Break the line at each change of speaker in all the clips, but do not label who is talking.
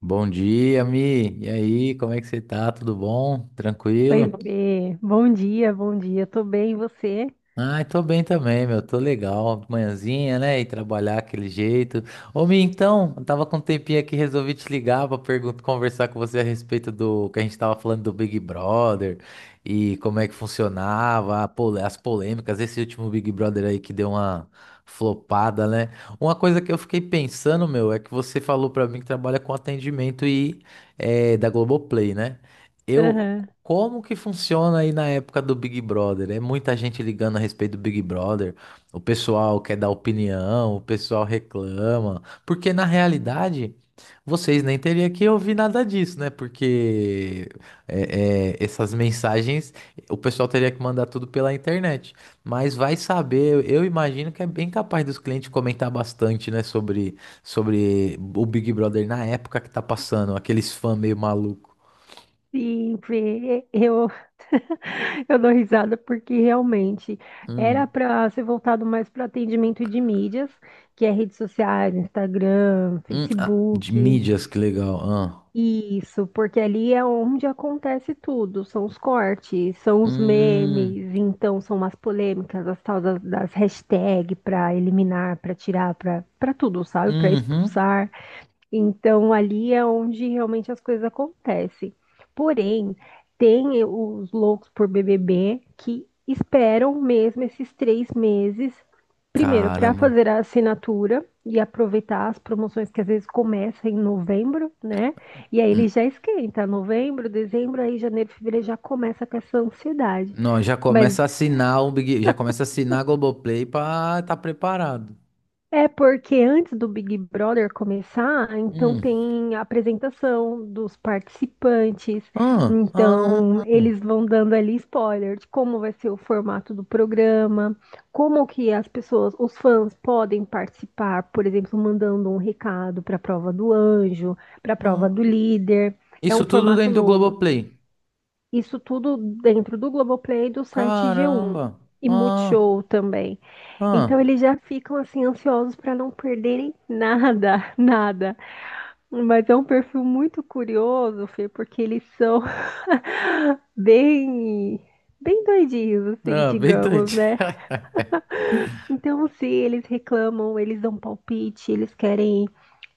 Bom dia, Mi. E aí, como é que você tá? Tudo bom?
Oi,
Tranquilo?
Fê. Bom dia, bom dia. Tô bem, e você?
Ai, tô bem também, meu. Tô legal. Manhãzinha, né? E trabalhar aquele jeito. Ô, Mi, então, eu tava com um tempinho aqui, resolvi te ligar pra perguntar, conversar com você a respeito do que a gente tava falando do Big Brother e como é que funcionava, as polêmicas, esse último Big Brother aí que deu uma flopada, né? Uma coisa que eu fiquei pensando, meu, é que você falou pra mim que trabalha com atendimento e da Globoplay, né? Eu
Aham.
como que funciona aí na época do Big Brother? É muita gente ligando a respeito do Big Brother. O pessoal quer dar opinião, o pessoal reclama. Porque na realidade, vocês nem teriam que ouvir nada disso, né? Porque essas mensagens o pessoal teria que mandar tudo pela internet. Mas vai saber, eu imagino que é bem capaz dos clientes comentar bastante, né? Sobre o Big Brother na época que tá passando, aqueles fãs meio maluco.
Sim, Fê. Eu, eu dou risada porque realmente era para ser voltado mais para atendimento de mídias, que é redes sociais, Instagram,
Ah, de
Facebook.
mídias, que legal. Ah.
Isso, porque ali é onde acontece tudo. São os cortes, são os
Hum,
memes, então são as polêmicas, as tal das hashtags para eliminar, para tirar, para tudo, sabe? Para
uhum.
expulsar. Então, ali é onde realmente as coisas acontecem. Porém, tem os loucos por BBB que esperam mesmo esses 3 meses, primeiro, para
Caramba.
fazer a assinatura e aproveitar as promoções que às vezes começam em novembro, né? E aí
Hum.
ele já esquenta, novembro, dezembro, aí janeiro, fevereiro já começa com essa ansiedade.
Não, já
Mas
começa a assinar o Big, já começa a assinar a Globoplay pra estar tá preparado.
É porque antes do Big Brother começar, então
Hum.
tem a apresentação dos participantes,
Ah, ah,
então eles vão dando ali spoiler de como vai ser o formato do programa, como que as pessoas, os fãs podem participar, por exemplo, mandando um recado para a prova do anjo, para a prova
ah.
do líder. É um
Isso tudo
formato
dentro do
novo.
Globoplay.
Isso tudo dentro do Globoplay e do site G1
Caramba.
e
Ah,
Multishow também.
ah.
Então eles já ficam assim ansiosos para não perderem nada, nada. Mas é um perfil muito curioso, Fê, porque eles são bem bem doidinhos, assim,
Ah, bem doido.
digamos, né? Então, se eles reclamam, eles dão palpite, eles querem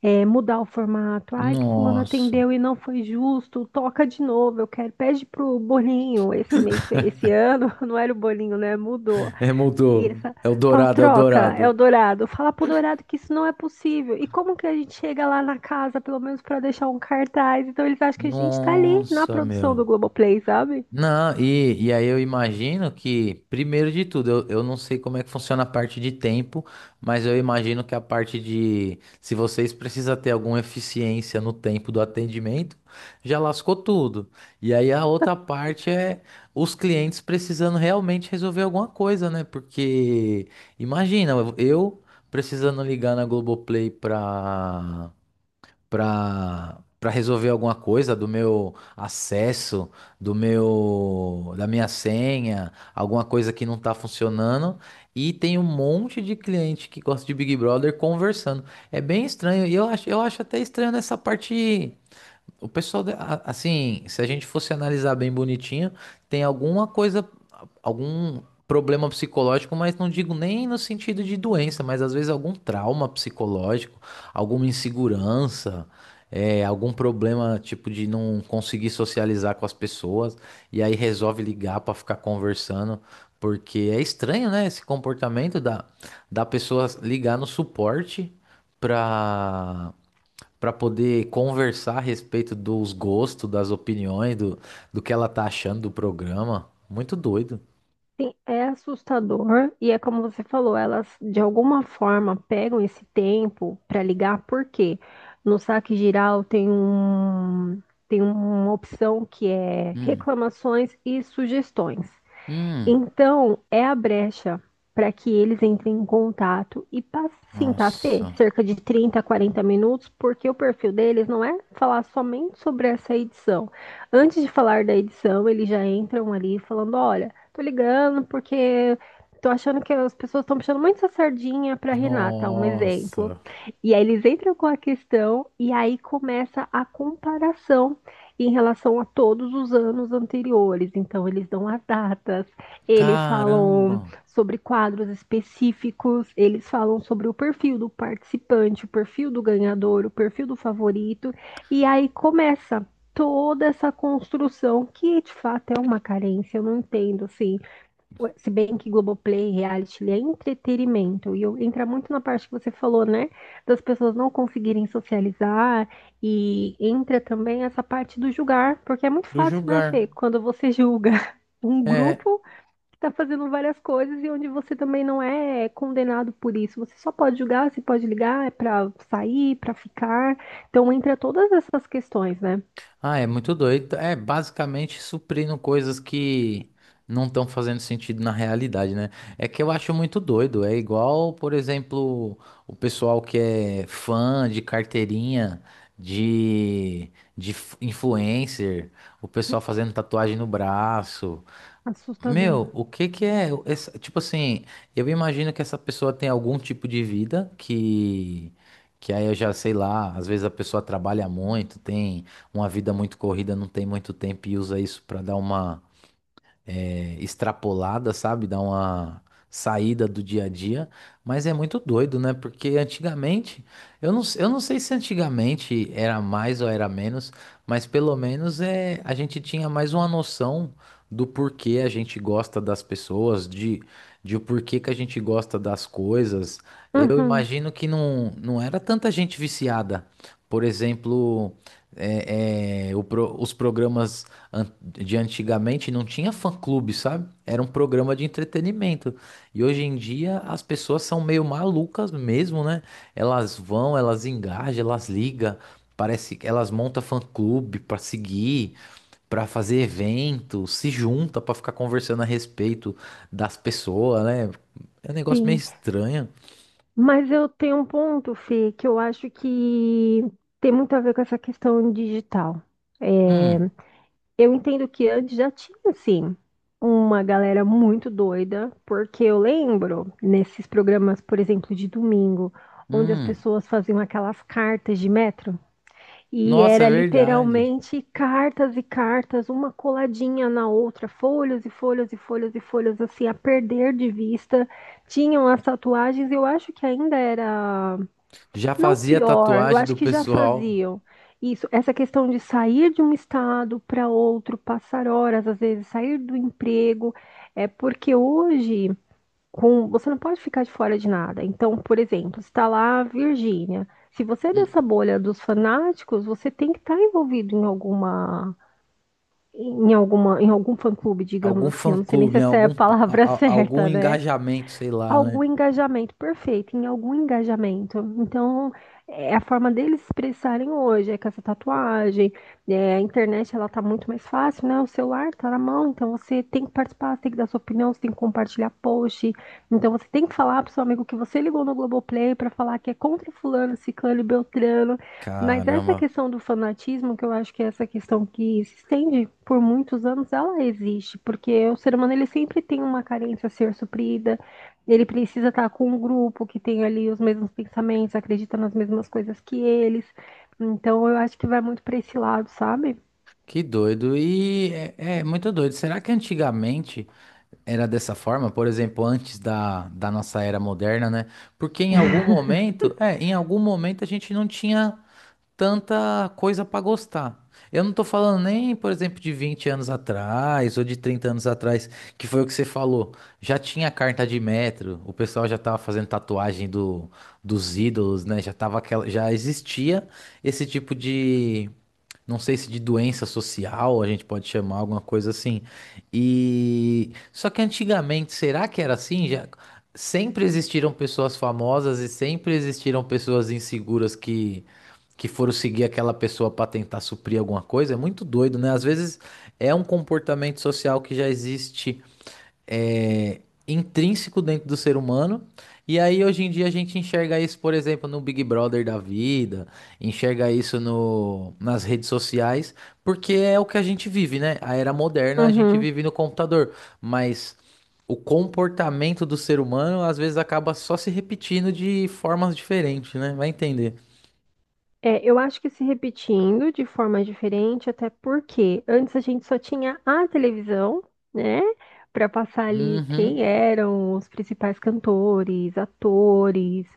mudar o formato. Ai, que fulano
Nossa.
atendeu e não foi justo, toca de novo, eu quero. Pede pro bolinho, esse ano, não era o bolinho, né? Mudou.
É,
E ele
mudou.
fala,
É o
Fala,
dourado, é o
troca, é o
dourado.
Dourado. Fala pro Dourado que isso não é possível. E como que a gente chega lá na casa, pelo menos pra deixar um cartaz? Então eles acham que a gente tá ali na
Nossa,
produção do
meu.
Globoplay, sabe?
Não, e aí eu imagino que, primeiro de tudo, eu não sei como é que funciona a parte de tempo, mas eu imagino que a parte de, se vocês precisam ter alguma eficiência no tempo do atendimento, já lascou tudo. E aí a outra parte é os clientes precisando realmente resolver alguma coisa, né? Porque, imagina, eu precisando ligar na Globoplay para resolver alguma coisa do meu acesso, do meu da minha senha, alguma coisa que não tá funcionando, e tem um monte de cliente que gosta de Big Brother conversando. É bem estranho, e eu acho até estranho nessa parte. O pessoal, assim, se a gente fosse analisar bem bonitinho, tem alguma coisa algum problema psicológico, mas não digo nem no sentido de doença, mas às vezes algum trauma psicológico, alguma insegurança, algum problema tipo de não conseguir socializar com as pessoas, e aí resolve ligar para ficar conversando, porque é estranho, né, esse comportamento da pessoa ligar no suporte para para poder conversar a respeito dos gostos, das opiniões, do que ela tá achando do programa. Muito doido.
Sim, é assustador. E é como você falou, elas de alguma forma pegam esse tempo pra ligar, porque No saque geral tem um, tem uma opção que é
Hum.
reclamações e sugestões.
Hum.
Então, é a brecha para que eles entrem em contato e passem, tá, Fê?
Nossa.
Cerca de 30 a 40 minutos, porque o perfil deles não é falar somente sobre essa edição. Antes de falar da edição, eles já entram ali falando: olha, tô ligando porque tô achando que as pessoas estão puxando muito essa sardinha para Renata, um exemplo.
Nossa.
E aí eles entram com a questão e aí começa a comparação em relação a todos os anos anteriores. Então, eles dão as datas, eles falam
Caramba.
sobre quadros específicos, eles falam sobre o perfil do participante, o perfil do ganhador, o perfil do favorito, e aí começa toda essa construção que de fato é uma carência, eu não entendo assim. Se bem que Globoplay, reality, ele é entretenimento. E eu, entra muito na parte que você falou, né? Das pessoas não conseguirem socializar. E entra também essa parte do julgar, porque é muito
Do
fácil, né, Fê?
julgar.
Quando você julga um
É.
grupo, tá fazendo várias coisas e onde você também não é condenado por isso. Você só pode julgar, você pode ligar, é pra sair, pra ficar. Então entra todas essas questões, né?
Ah, é muito doido. É basicamente suprindo coisas que não estão fazendo sentido na realidade, né? É que eu acho muito doido. É igual, por exemplo, o pessoal que é fã de carteirinha, de, de influencer, o pessoal fazendo tatuagem no braço.
Assustador.
Meu, o que que é? Tipo assim, eu imagino que essa pessoa tem algum tipo de vida que aí eu já sei lá, às vezes a pessoa trabalha muito, tem uma vida muito corrida, não tem muito tempo e usa isso pra dar uma extrapolada, sabe? Dá uma saída do dia a dia. Mas é muito doido, né? Porque antigamente, eu não sei se antigamente era mais ou era menos, mas pelo menos a gente tinha mais uma noção do porquê a gente gosta das pessoas, de o porquê que a gente gosta das coisas. Eu
Uhum,
imagino que não era tanta gente viciada. Por exemplo, os programas de antigamente não tinha fã-clube, sabe? Era um programa de entretenimento. E hoje em dia as pessoas são meio malucas mesmo, né? Elas vão, elas engajam, elas ligam. Parece que elas montam fã-clube para seguir, para fazer evento, se junta para ficar conversando a respeito das pessoas, né? É um negócio meio
sim.
estranho.
Mas eu tenho um ponto, Fê, que eu acho que tem muito a ver com essa questão digital.
Hum,
Eu entendo que antes já tinha, sim, uma galera muito doida, porque eu lembro nesses programas, por exemplo, de domingo, onde as
hum.
pessoas faziam aquelas cartas de metro. E
Nossa, é
era
verdade.
literalmente cartas e cartas, uma coladinha na outra, folhas e folhas e folhas e folhas, assim, a perder de vista. Tinham as tatuagens, eu acho que ainda era,
Já
não
fazia
pior, eu
tatuagem do
acho que já
pessoal.
faziam. Isso, essa questão de sair de um estado para outro, passar horas, às vezes, sair do emprego, é porque hoje você não pode ficar de fora de nada. Então, por exemplo, está lá a Virgínia. Se você é
Hum.
dessa bolha dos fanáticos, você tem que estar envolvido em alguma, em algum fã-clube, digamos
Algum
assim. Eu não sei nem se
fã-clube,
essa é a
algum,
palavra
algum
certa, né?
engajamento, sei lá, né?
Algum engajamento, perfeito, em algum engajamento. Então, é a forma deles se expressarem hoje, é com essa tatuagem, a internet ela tá muito mais fácil, né? O celular tá na mão, então você tem que participar, você tem que dar sua opinião, você tem que compartilhar post, então você tem que falar pro seu amigo que você ligou no Globoplay para falar que é contra fulano, ciclano e beltrano, mas essa
Caramba,
questão do fanatismo, que eu acho que é essa questão que se estende por muitos anos, ela existe, porque o ser humano ele sempre tem uma carência a ser suprida, ele precisa estar com um grupo que tem ali os mesmos pensamentos, acredita nas mesmas coisas que eles. Então, eu acho que vai muito para esse lado, sabe?
que doido. E é, é muito doido. Será que antigamente era dessa forma? Por exemplo, antes da nossa era moderna, né? Porque em algum momento, em algum momento a gente não tinha tanta coisa pra gostar. Eu não tô falando nem, por exemplo, de 20 anos atrás ou de 30 anos atrás, que foi o que você falou. Já tinha carta de metro, o pessoal já tava fazendo tatuagem dos ídolos, né? Já tava aquela, já existia esse tipo de, não sei se de doença social, a gente pode chamar alguma coisa assim. E só que antigamente, será que era assim? Já sempre existiram pessoas famosas e sempre existiram pessoas inseguras que foram seguir aquela pessoa para tentar suprir alguma coisa, é muito doido, né? Às vezes é um comportamento social que já existe é, intrínseco dentro do ser humano. E aí hoje em dia a gente enxerga isso, por exemplo, no Big Brother da vida, enxerga isso no, nas redes sociais, porque é o que a gente vive, né? A era moderna a gente
Uhum.
vive no computador, mas o comportamento do ser humano às vezes acaba só se repetindo de formas diferentes, né? Vai entender.
É, eu acho que se repetindo de forma diferente, até porque antes a gente só tinha a televisão, né, para passar ali
Uhum.
quem eram os principais cantores, atores,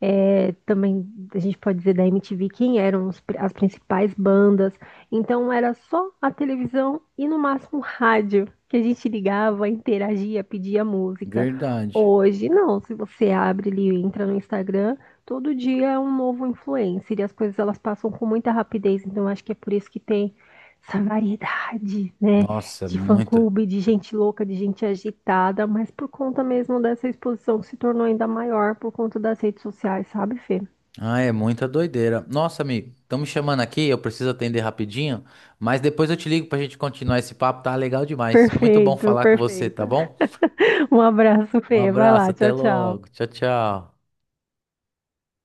também a gente pode dizer da MTV quem eram as principais bandas. Então era só a televisão e no máximo rádio que a gente ligava, interagia, pedia música.
Verdade.
Hoje não, se você abre ali, entra no Instagram. Todo dia é um novo influencer e as coisas elas passam com muita rapidez, então acho que é por isso que tem essa variedade, né,
Nossa, é
de
muita.
fã-clube, de gente louca, de gente agitada, mas por conta mesmo dessa exposição que se tornou ainda maior por conta das redes sociais, sabe, Fê?
Ah, é muita doideira. Nossa, amigo, estão me chamando aqui, eu preciso atender rapidinho, mas depois eu te ligo pra gente continuar esse papo, tá legal demais. Muito bom
Perfeito,
falar com você, tá
perfeito.
bom?
Um abraço,
Um
Fê. Vai
abraço,
lá,
até
tchau, tchau.
logo. Tchau, tchau.